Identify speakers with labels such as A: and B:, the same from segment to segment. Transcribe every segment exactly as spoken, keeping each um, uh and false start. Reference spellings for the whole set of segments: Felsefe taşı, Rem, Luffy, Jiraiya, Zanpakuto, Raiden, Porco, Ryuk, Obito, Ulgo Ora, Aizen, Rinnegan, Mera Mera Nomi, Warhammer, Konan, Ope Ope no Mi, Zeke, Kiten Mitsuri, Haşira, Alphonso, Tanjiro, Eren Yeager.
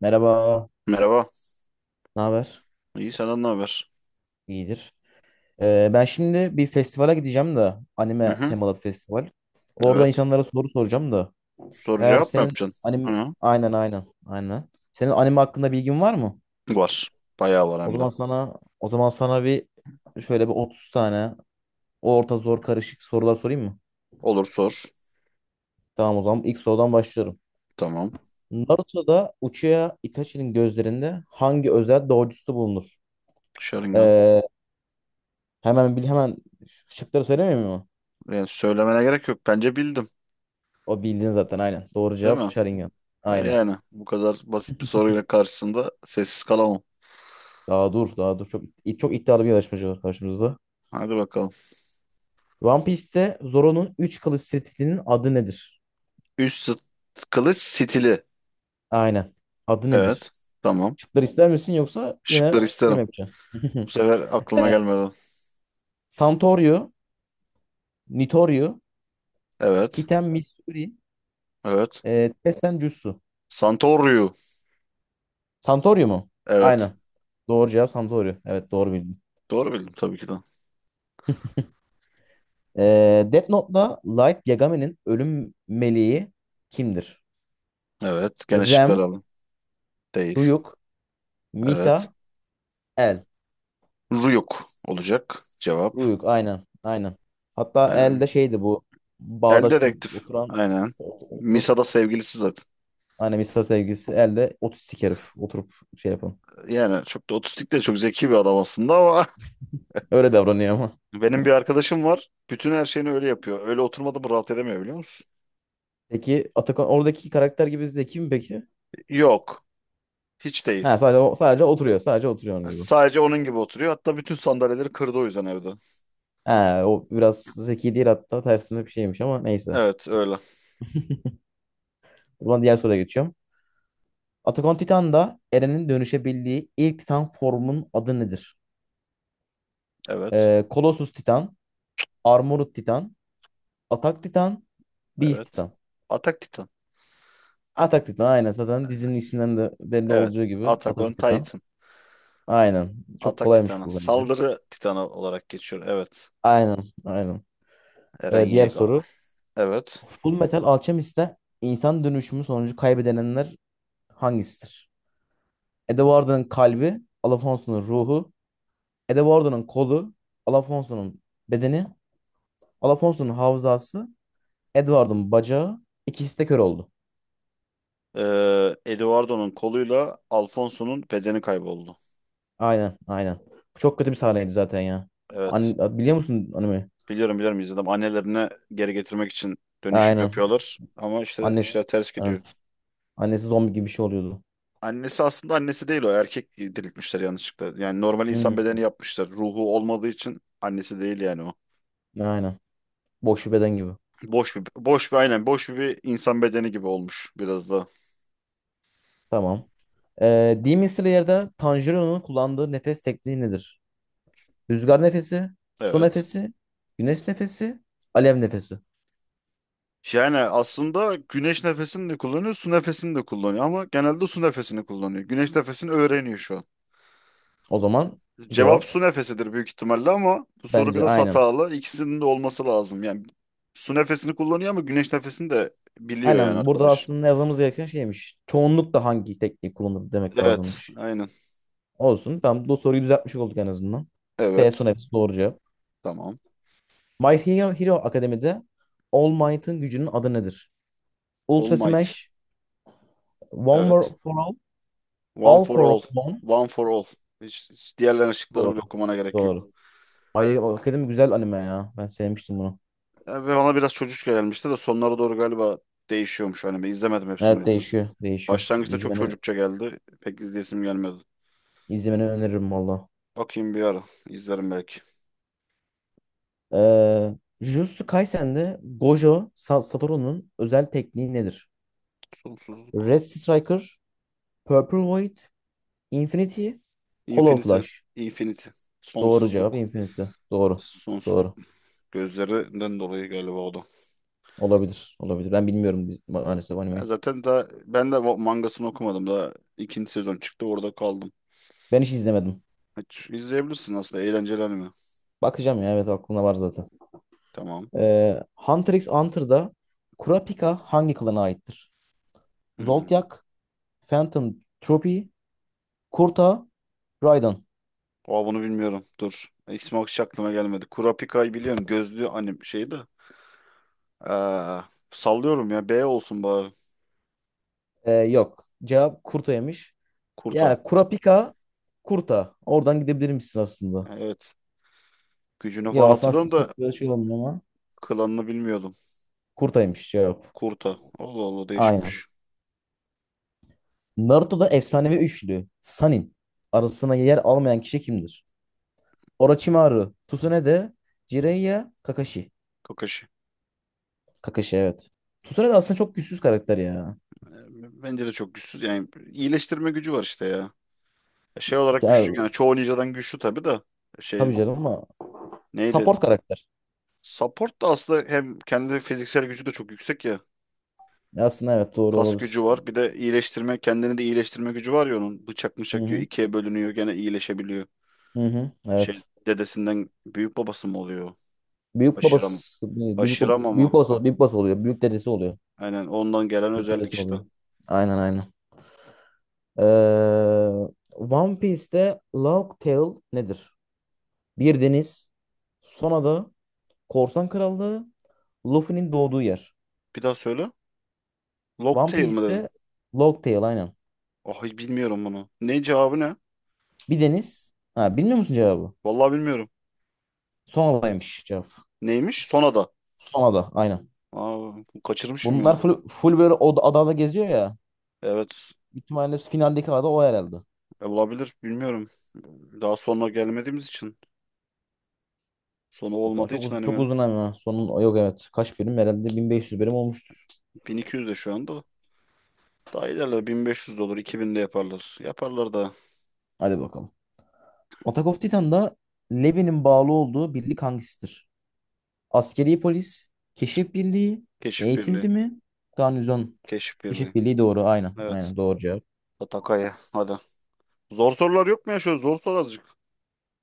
A: Merhaba,
B: Merhaba.
A: ne haber?
B: İyi senden ne haber?
A: İyidir. Ee, ben şimdi bir festivale gideceğim de
B: Hı
A: anime
B: hı.
A: temalı bir festival. Orada
B: Evet.
A: insanlara soru soracağım da.
B: Soru
A: Eğer
B: cevap mı
A: senin
B: yapacaksın?
A: anime
B: Hı.
A: aynen aynen aynen. Senin anime hakkında bilgin var mı?
B: Var. Bayağı var
A: O
B: hem de.
A: zaman sana O zaman sana bir şöyle bir otuz tane orta zor karışık sorular sorayım mı?
B: Olur sor.
A: Tamam o zaman ilk sorudan başlıyorum.
B: Tamam.
A: Naruto'da Uchiha Itachi'nin gözlerinde hangi özel doğrucusu bulunur?
B: Şarından.
A: Ee, Hemen bil hemen şıkları söylemiyor.
B: Yani söylemene gerek yok. Bence bildim.
A: O bildiğin zaten aynen. Doğru
B: Değil
A: cevap
B: mi?
A: Sharingan.
B: E,
A: Aynen.
B: Yani bu kadar basit bir soruyla karşısında sessiz kalamam.
A: Daha dur daha dur. Çok, çok iddialı bir yarışmacı var karşımızda.
B: Hadi bakalım.
A: One Piece'te Zoro'nun üç kılıç setinin adı nedir?
B: Üç sıt kılıç stili.
A: Aynen. Adı
B: Evet.
A: nedir?
B: Tamam.
A: Şıkları ister misin yoksa yine
B: Şıkları
A: şey
B: isterim.
A: mi yapacaksın?
B: Bu sefer aklıma
A: Evet.
B: gelmedi.
A: Santorio, Nitorio,
B: Evet.
A: Kiten Mitsuri,
B: Evet.
A: e, Tessen Jutsu.
B: Santorio.
A: Santorio mu?
B: Evet.
A: Aynen. Doğru cevap Santorio. Evet doğru bildin.
B: Doğru bildim tabii ki de.
A: E, Death Note'da Light Yagame'nin ölüm meleği kimdir?
B: Evet. Gene şıkları
A: Rem,
B: aldım. Değil.
A: Ryuk,
B: Evet.
A: Misa, El.
B: Ruyuk olacak cevap.
A: Ruyuk aynen. Aynen. Hatta El de
B: Aynen.
A: şeydi bu.
B: El
A: Bağdaş kurup
B: dedektif.
A: oturan
B: Aynen.
A: ot- oturup
B: Misa'da sevgilisi zaten.
A: hani Misa sevgilisi El de otistik herif. Oturup şey yapın.
B: Yani çok da otistik de çok zeki bir adam aslında ama
A: Öyle davranıyor ama.
B: benim bir arkadaşım var. Bütün her şeyini öyle yapıyor. Öyle oturmadı mı rahat edemiyor biliyor musun?
A: Peki Atakan oradaki karakter gibi zeki mi peki?
B: Yok. Hiç
A: Ha
B: değil.
A: sadece o- sadece oturuyor. Sadece oturuyor onun gibi.
B: Sadece onun gibi oturuyor. Hatta bütün sandalyeleri kırdı o yüzden evde.
A: Ha o biraz zeki değil hatta tersine bir şeymiş ama neyse.
B: Evet öyle.
A: O zaman diğer soruya geçiyorum. Attack on Titan'da Eren'in dönüşebildiği ilk Titan formunun adı nedir?
B: Evet.
A: Ee, Colossus Titan, Armored Titan, Atak Titan, Beast
B: Evet.
A: Titan.
B: Atak Titan.
A: Atak Titan aynen zaten dizinin isminden de belli olacağı
B: Evet.
A: gibi
B: Atak on
A: Atak Titan.
B: Titan.
A: Aynen. Çok
B: Atak
A: kolaymış
B: Titan'a.
A: bu bence.
B: Saldırı Titan'a olarak geçiyor. Evet.
A: Aynen, aynen.
B: Eren
A: Ee, diğer
B: Yeager.
A: soru.
B: Evet.
A: Full Metal Alchemist'te insan dönüşümü sonucu kaybedenler hangisidir? Edward'ın kalbi, Alphonso'nun ruhu, Edward'ın kolu, Alphonso'nun bedeni, Alphonso'nun hafızası, Edward'ın bacağı, ikisi de kör oldu.
B: Ee, Eduardo'nun koluyla Alfonso'nun bedeni kayboldu.
A: Aynen, aynen. Bu çok kötü bir sahneydi zaten ya.
B: Evet.
A: An biliyor musun anime?
B: Biliyorum biliyorum izledim. Annelerine geri getirmek için dönüşüm
A: Aynen.
B: yapıyorlar. Ama işte
A: Annesi,
B: işler ters gidiyor.
A: evet. Annesi zombi gibi bir şey oluyordu.
B: Annesi aslında annesi değil o. Erkek diriltmişler yanlışlıkla. Yani normal insan
A: Hmm.
B: bedeni yapmışlar. Ruhu olmadığı için annesi değil yani o.
A: Aynen. Boş bir beden gibi.
B: Boş bir, boş bir aynen boş bir insan bedeni gibi olmuş biraz da.
A: Tamam. Ee, Demon Slayer'da Tanjiro'nun kullandığı nefes tekniği nedir? Rüzgar nefesi, su
B: Evet.
A: nefesi, güneş nefesi, alev nefesi.
B: Yani aslında güneş nefesini de kullanıyor, su nefesini de kullanıyor ama genelde su nefesini kullanıyor. Güneş nefesini öğreniyor şu an.
A: O zaman
B: Cevap su
A: cevap
B: nefesidir büyük ihtimalle ama bu soru
A: bence
B: biraz
A: aynen.
B: hatalı. İkisinin de olması lazım. Yani su nefesini kullanıyor ama güneş nefesini de biliyor yani
A: Aynen. Burada
B: arkadaş.
A: aslında yazmamız gereken şeymiş. Çoğunlukla hangi tekniği kullanır demek
B: Evet,
A: lazımmış.
B: aynen.
A: Olsun. Tamam. Bu soruyu düzeltmiş olduk en azından. B su
B: Evet,
A: nefesi doğru cevap.
B: tamam.
A: My Hero Hero Akademi'de All Might'ın gücünün adı nedir?
B: All
A: Ultra
B: Might.
A: Smash, One
B: Evet.
A: for for All,
B: One
A: All
B: for
A: for
B: all.
A: One.
B: One for all. Hiç, hiç diğerlerinin şıkları
A: Doğru.
B: bile okumana gerek yok.
A: Doğru. Ay, hakikaten güzel anime ya. Ben sevmiştim bunu.
B: E, Ve ona biraz çocukça gelmişti de sonlara doğru galiba değişiyormuş anime. İzlemedim hepsini o
A: Evet
B: yüzden.
A: değişiyor. Değişiyor.
B: Başlangıçta çok
A: İzlemeni,
B: çocukça geldi. Pek izleyesim gelmedi.
A: izlemeni öneririm valla.
B: Bakayım bir ara. İzlerim belki.
A: Ee, Jujutsu Kaisen'de Gojo Sa- Satoru'nun özel tekniği nedir?
B: Sonsuzluk.
A: Red Striker, Purple Void, Infinity, Hollow
B: Infinity.
A: Flash.
B: Infinity.
A: Doğru cevap
B: Sonsuzluk.
A: Infinity. Doğru.
B: Sonsuzluk.
A: Doğru.
B: Gözlerinden dolayı galiba o da.
A: Olabilir. Olabilir. Ben bilmiyorum biz- ma- maalesef
B: Ya
A: animeyi.
B: zaten daha ben de o mangasını okumadım. Daha ikinci sezon çıktı orada kaldım.
A: Ben hiç izlemedim.
B: Hiç izleyebilirsin aslında eğlenceli anime.
A: Bakacağım ya evet aklımda var zaten.
B: Tamam.
A: Ee, Hunter x Hunter'da Kurapika hangi klana aittir?
B: Hmm.
A: Zoltyak, Phantom Troopy, Kurta, Raiden.
B: Aa, bunu bilmiyorum. Dur. İsmi hiç aklıma gelmedi. Kurapika'yı biliyorum. Gözlü anim şeydi. Aa, sallıyorum ya. B olsun bari.
A: Ee, yok. Cevap Kurta'ymış.
B: Kurta.
A: Yani Kurapika, Kurta. Oradan gidebilir misin aslında?
B: Evet. Gücünü falan
A: Yok aslında
B: hatırlıyorum
A: siz
B: da
A: çok da şey olmuyor ama.
B: klanını bilmiyordum.
A: Kurta'ymış cevap.
B: Kurta. Allah Allah
A: Aynen.
B: değişikmiş.
A: Naruto'da efsanevi üçlü Sanin arasına yer almayan kişi kimdir? Orochimaru, Tsunade, Jiraiya, Kakashi.
B: Kakashi.
A: Kakashi evet. Tsunade aslında çok güçsüz karakter ya.
B: E, Bence de çok güçsüz. Yani iyileştirme gücü var işte ya. Şey olarak
A: Ya
B: güçlü yani çoğu ninjadan güçlü tabii da şey
A: tabii canım ama
B: neydi?
A: support karakter.
B: Support da aslında hem kendi fiziksel gücü de çok yüksek ya.
A: Aslında evet doğru
B: Kas gücü
A: olabilir.
B: var. Bir de iyileştirme, kendini de iyileştirme gücü var ya onun. Bıçak
A: Hı
B: mıçak yiyor,
A: hı.
B: ikiye bölünüyor, gene iyileşebiliyor.
A: Hı hı.
B: Şey
A: Evet.
B: dedesinden büyük babası mı oluyor?
A: Büyük
B: Haşira mı?
A: babası büyük,
B: Haşira
A: bab-
B: mı
A: büyük
B: ama?
A: babası oluyor.
B: Ha,
A: Büyük babası oluyor. Büyük dedesi oluyor.
B: aynen ondan gelen
A: Büyük
B: özellik
A: dedesi
B: işte.
A: oluyor. Aynen aynen. Ee, One Piece'te Logtail nedir? Bir deniz, son ada, korsan krallığı, Luffy'nin doğduğu yer.
B: Bir daha söyle.
A: One
B: Locktail mı dedin?
A: Piece'te Logtail aynen.
B: Ah hiç bilmiyorum bunu. Ne cevabı ne?
A: Bir deniz. Ha, bilmiyor musun cevabı?
B: Vallahi bilmiyorum.
A: Son adaymış cevap.
B: Neymiş? Sonada.
A: Son ada aynen.
B: Aa, kaçırmışım
A: Bunlar
B: ya.
A: full, full böyle o adada geziyor ya.
B: Evet.
A: Büyük ihtimalle finaldeki ada o herhalde.
B: E, olabilir. Bilmiyorum. Daha sonra gelmediğimiz için. Sonu
A: Bak
B: olmadığı
A: çok
B: için
A: uzun çok
B: animenin.
A: uzun ama sonun yok evet. Kaç bölüm herhalde bin beş yüz bölüm olmuştur.
B: bin iki yüz de şu anda. Daha ilerler. bin beş yüz de olur. iki bin de yaparlar. Yaparlar da.
A: Hadi bakalım. Attack of Titan'da Levi'nin bağlı olduğu birlik hangisidir? Askeri polis, keşif birliği,
B: Keşif birliği.
A: eğitim mi? Garnizon.
B: Keşif
A: Keşif
B: birliği.
A: birliği doğru. Aynen.
B: Evet.
A: Aynen doğru cevap.
B: Atakaya. Hadi. Zor sorular yok mu ya? Şöyle zor sor azıcık.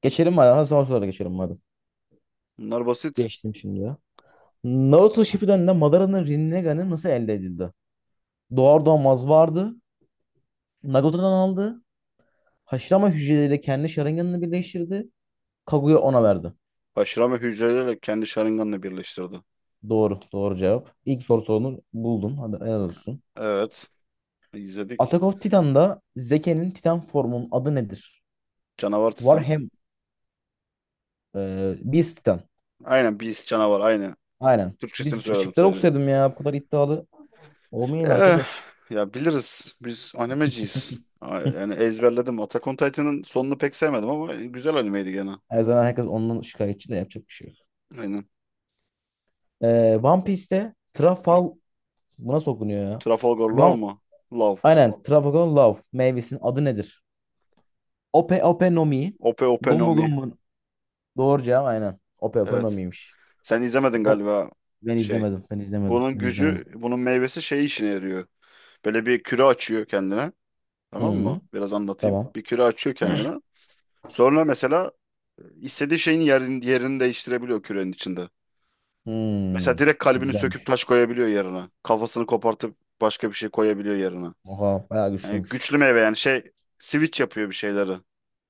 A: Geçelim hadi. Ha, son sorulara geçelim hadi.
B: Bunlar basit.
A: Geçtim şimdi ya. Naruto Shippuden'de Madara'nın Rinnegan'ı nasıl elde edildi? Doğar doğmaz vardı. Nagato'dan aldı. Haşlama hücreleriyle kendi şırınganını birleştirdi. Kaguya ona verdi.
B: Haşirame hücreleriyle kendi Sharingan'ını birleştirdi.
A: Doğru. Doğru cevap. İlk soru sorunu buldun. Hadi helal olsun.
B: Evet. İzledik.
A: Attack of Titan'da Zeke'nin Titan formunun adı nedir?
B: Canavar Titan.
A: Warhammer. E, Beast Titan.
B: Aynen Beast canavar. Aynı.
A: Aynen. Biz
B: Türkçesini
A: şık-
B: söyledim
A: şıkları
B: sadece.
A: okusaydım ya. Bu kadar iddialı. Olmayın
B: Eh,
A: arkadaş.
B: ya biliriz. Biz animeciyiz. A- Yani ezberledim. Attack on Titan'ın sonunu pek sevmedim ama güzel animeydi gene.
A: Her zaman herkes ondan şikayetçi de yapacak bir şey yok.
B: Aynen.
A: Ee, One Piece'te Trafal bu nasıl okunuyor ya?
B: Trafalgar Law
A: One...
B: mu? Love.
A: Aynen Trafalgar Love meyvesinin adı nedir? Ope Ope no Mi,
B: Ope Ope no
A: Gomu
B: Mi.
A: Gomu doğru cevap aynen. Ope Ope
B: Evet.
A: Nomi'ymiş.
B: Sen izlemedin
A: O-
B: galiba
A: Ben
B: şey.
A: izlemedim. Ben izlemedim.
B: Bunun
A: Ben
B: gücü,
A: izlemedim.
B: bunun meyvesi şey işine yarıyor. Böyle bir küre açıyor kendine. Tamam mı?
A: Hı,
B: Biraz anlatayım.
A: tamam.
B: Bir küre açıyor kendine. Sonra mesela istediği şeyin yerini, yerini değiştirebiliyor kürenin içinde. Mesela
A: Hı,
B: direkt kalbini söküp
A: güzelmiş.
B: taş koyabiliyor yerine. Kafasını kopartıp başka bir şey koyabiliyor yerine.
A: Oha bayağı
B: Yani
A: güçlüymüş.
B: güçlü meyve yani şey switch yapıyor bir şeyleri.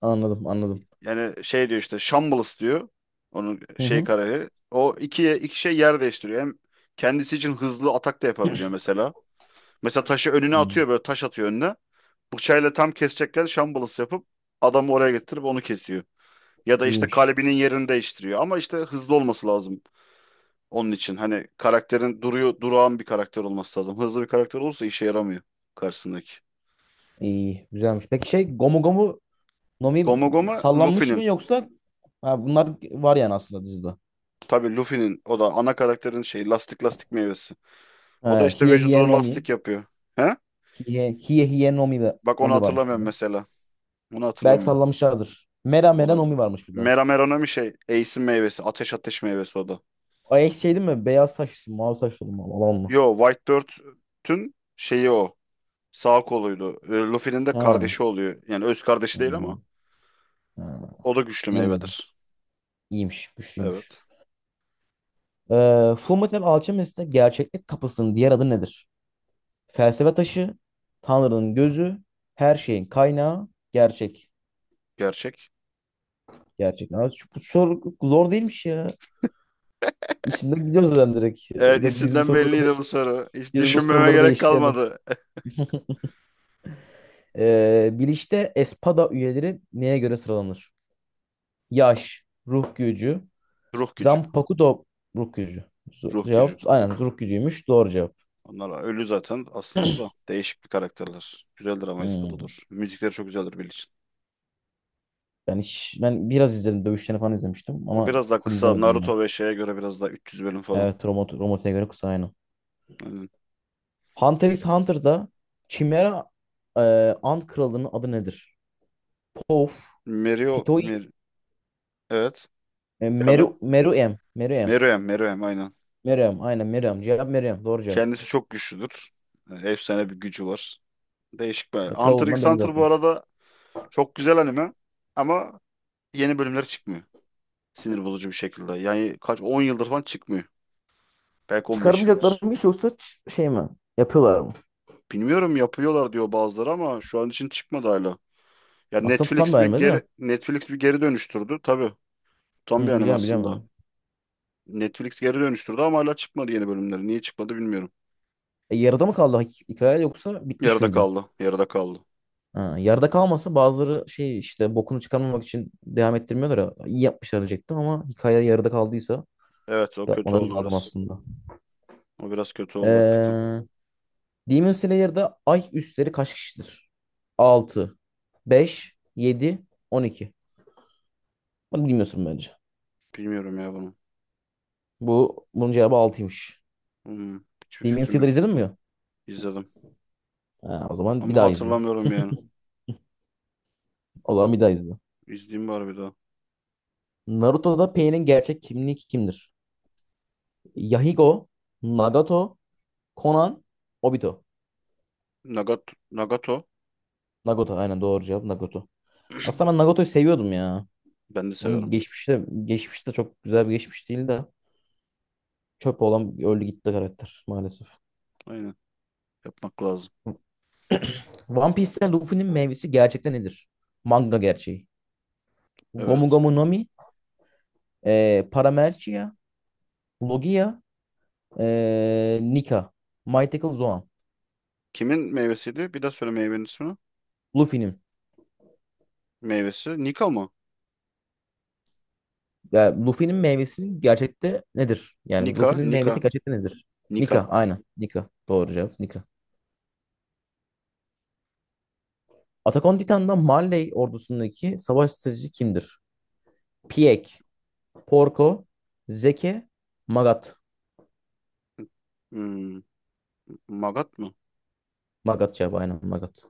A: Anladım anladım.
B: Yani şey diyor işte Shambles diyor. Onun
A: Hı
B: şey
A: hı.
B: karakteri. O ikiye iki şey yer değiştiriyor. Hem kendisi için hızlı atak da yapabiliyor mesela. Mesela taşı önüne
A: Hı.
B: atıyor böyle taş atıyor önüne. Bıçağıyla tam kesecekken Shambles yapıp adamı oraya getirip onu kesiyor. Ya da işte
A: İyiymiş.
B: kalbinin yerini değiştiriyor. Ama işte hızlı olması lazım. Onun için hani karakterin duruyor, durağan bir karakter olması lazım. Hızlı bir karakter olursa işe yaramıyor karşısındaki.
A: İyi. Güzelmiş. Peki şey Gomu Gomu Nomi
B: Goma Goma
A: sallanmış
B: Luffy'nin.
A: mı yoksa ha, bunlar var yani aslında dizide.
B: Tabii Luffy'nin o da ana karakterin şey lastik lastik meyvesi. O da
A: Ha,
B: işte
A: Hiye Hiye
B: vücudunu
A: Nomi.
B: lastik yapıyor. He?
A: Hiye Hiye, Hiye Nomi, de,
B: Bak onu
A: Nomi varmış bir
B: hatırlamıyorum
A: de.
B: mesela. Onu
A: Belki
B: hatırlamıyorum.
A: sallamışlardır. Mera
B: O
A: Mera
B: da
A: Nomi varmış bir de.
B: Mera Mera'nın bir şey. Ace'in meyvesi. Ateş ateş meyvesi o da.
A: Ay şey değil mi? Beyaz saçlı, mavi saçlı olan mı?
B: Yo Whitebeard'ün şeyi o. Sağ koluydu. E, Luffy'nin de
A: Ha.
B: kardeşi oluyor. Yani öz kardeşi değil
A: Hmm,
B: ama
A: ha.
B: o da güçlü
A: İyi madem.
B: meyvedir.
A: İyiymiş. Güçlüymüş.
B: Evet.
A: Ee, Fullmetal Alchemist'te gerçeklik kapısının diğer adı nedir? Felsefe taşı, Tanrı'nın gözü, her şeyin kaynağı, gerçek.
B: Gerçek.
A: Gerçek. Abi, şu, bu soru zor değilmiş ya. İsimden gidiyoruz zaten direkt.
B: Evet
A: Ve Biz bu
B: isimden
A: soruları,
B: belliydi bu soru. Hiç
A: biz bu
B: düşünmeme
A: soruları
B: gerek
A: değiştirelim.
B: kalmadı.
A: Ee, Biliş'te Espada üyeleri neye göre sıralanır? Yaş, ruh gücü,
B: Ruh gücü.
A: Zanpakuto ruh gücü. Z-
B: Ruh
A: Cevap
B: gücü.
A: aynen ruh gücüymüş. Doğru cevap.
B: Onlar ölü zaten aslında da. Değişik bir karakterler. Güzeldir ama ispat
A: Hmm.
B: olur. Müzikleri çok güzeldir Bill için.
A: Ben hiç, ben biraz izledim. Dövüşlerini falan izlemiştim
B: O
A: ama
B: biraz daha
A: full
B: kısa.
A: izlemedim yani.
B: Naruto ve şeye göre biraz daha üç yüz bölüm falan.
A: Evet, Romot, Romot'a göre kısa aynı.
B: Aynen.
A: Hunter x Hunter'da Chimera e, Ant Kralı'nın adı nedir? Pof,
B: Meruo.
A: Pitoy,
B: Mer evet.
A: e,
B: Devam et.
A: Meru, Meruem, Meruem,
B: Meruem. Meruem aynen.
A: Meruem, aynen Meruem. Cevap Meruem, doğru cevap.
B: Kendisi çok güçlüdür. Yani efsane bir gücü var. Değişik bir.
A: E, Kral
B: Hunter
A: olduğundan
B: x
A: belli
B: Hunter bu
A: zaten.
B: arada çok güzel anime. Ama yeni bölümler çıkmıyor. Sinir bozucu bir şekilde. Yani kaç on yıldır falan çıkmıyor. Belki on beş
A: Çıkarımcakları
B: yıldır.
A: mı hiç yoksa ç- şey mi? Yapıyorlar mı?
B: Bilmiyorum yapıyorlar diyor bazıları ama şu an için çıkmadı hala. Ya
A: Aslında tutan bir
B: Netflix bir
A: anime de. Hı,
B: geri Netflix bir geri dönüştürdü. Tabii. Tam bir anime
A: biliyorum
B: aslında.
A: biliyorum.
B: Netflix geri dönüştürdü ama hala çıkmadı yeni bölümleri. Niye çıkmadı bilmiyorum.
A: E, yarıda mı kaldı hik- hikaye yoksa bitmiş
B: Yarıda
A: miydi?
B: kaldı. Yarıda kaldı.
A: Ha, yarıda kalmasa bazıları şey işte bokunu çıkarmamak için devam ettirmiyorlar ya. İyi yapmışlar diyecektim ama hikaye yarıda kaldıysa
B: Evet o kötü
A: yapmaları
B: oldu
A: lazım
B: biraz.
A: aslında.
B: O biraz kötü oldu hakikaten.
A: Ee, Demon Slayer'da ay üstleri kaç kişidir? altı, beş, yedi, on iki. Bunu bilmiyorsun bence.
B: Bilmiyorum ya bunu.
A: Bu bunun cevabı altıymış.
B: Hmm, hiçbir
A: Demon
B: fikrim
A: Slayer
B: yoktu.
A: izledin mi ya?
B: İzledim.
A: Ha, o zaman bir
B: Ama
A: daha izle.
B: hatırlamıyorum yani.
A: O zaman bir daha izle.
B: İzleyeyim bari bir daha.
A: Naruto'da Pain'in gerçek kimliği kimdir? Yahiko, Nagato, Konan, Obito.
B: Nagato. Nagato.
A: Nagato aynen doğru cevap Nagato. Aslında ben Nagato'yu seviyordum ya.
B: Ben de
A: Onun
B: severim.
A: geçmişte geçmişte çok güzel bir geçmiş değil de çöp olan öldü gitti karakter maalesef.
B: Aynen. Yapmak lazım.
A: One Piece'te Luffy'nin meyvesi gerçekten nedir? Manga gerçeği. Gomu
B: Evet.
A: Gomu Nami, e, Paramercia, Logia, e, Nika, Mythical Zoan.
B: Kimin meyvesiydi? Bir daha söyle meyvenin ismini.
A: Luffy'nin.
B: Meyvesi. Nika mı?
A: Yani Luffy'nin meyvesi gerçekte nedir? Yani
B: Nika,
A: Luffy'nin meyvesi
B: Nika,
A: gerçekte nedir?
B: Nika.
A: Nika, aynen. Nika. Doğru cevap. Nika. Attack on Titan'da Marley ordusundaki savaş stratejisi kimdir? Pieck. Porco, Zeki, Magat.
B: Hmm, Magat mı?
A: Magat cevabı aynen Magat.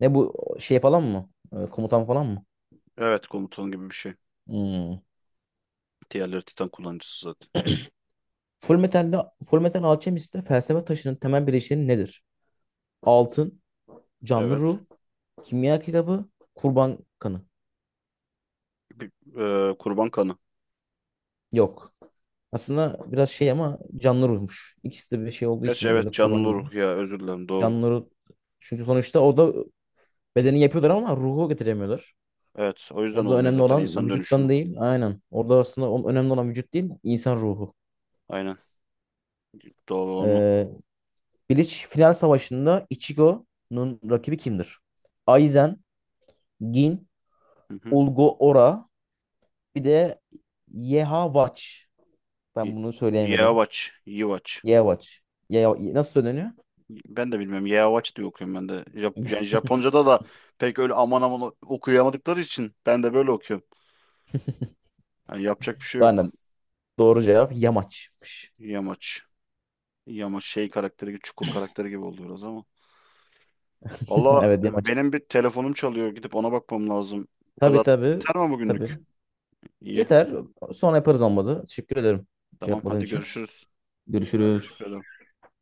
A: Ne bu şey falan mı? Ee, komutan falan mı?
B: Evet komutan gibi bir şey.
A: Hmm.
B: Diğerleri Titan kullanıcısı zaten.
A: Full Metal'de, Full Metal Alchemist'te felsefe taşının temel bileşeni nedir? Altın, canlı
B: Evet.
A: ruh, kimya kitabı, kurban kanı.
B: Bir, e, kurban kanı.
A: Yok. Aslında biraz şey ama canlı ruhmuş. İkisi de bir şey olduğu
B: Gerçi
A: için
B: evet
A: böyle kurban
B: canlı
A: gibi.
B: ruh ya özür dilerim doğru.
A: Canlı ruh. Çünkü sonuçta o da bedeni yapıyorlar ama ruhu getiremiyorlar.
B: Evet o yüzden
A: Orada
B: olmuyor
A: önemli
B: zaten
A: olan
B: insan
A: vücuttan
B: dönüşümü.
A: değil. Aynen. Orada aslında o- önemli olan vücut değil, insan ruhu.
B: Aynen. Doğru onu.
A: Ee, Bleach final savaşında Ichigo'nun rakibi kimdir? Aizen, Gin,
B: Hı hı.
A: Ulgo Ora, bir de Yehwach.
B: Y-
A: Ben bunu söyleyemedim.
B: Yeavaç. Yivaç.
A: Yehwach. Ye- nasıl söyleniyor?
B: Ben de bilmiyorum. Yeavaç diye okuyorum ben de. Jap yani Japonca'da da pek öyle aman aman okuyamadıkları için ben de böyle okuyorum. Yani yapacak bir şey yok.
A: Aynen. Doğru cevap Yamaç'mış.
B: Yamaç. İyi ama şey karakteri gibi, çukur karakteri gibi oldu biraz ama. Valla
A: Evet
B: e,
A: Yamaç.
B: benim bir telefonum çalıyor. Gidip ona bakmam lazım. Bu
A: Tabii
B: kadar
A: tabii.
B: yeter mi
A: Tabii.
B: bugünlük? İyi.
A: Yeter. Sonra yaparız olmadı. Teşekkür ederim
B: Tamam
A: cevapladığın
B: hadi
A: için.
B: görüşürüz. Teşekkür
A: Görüşürüz.
B: ederim.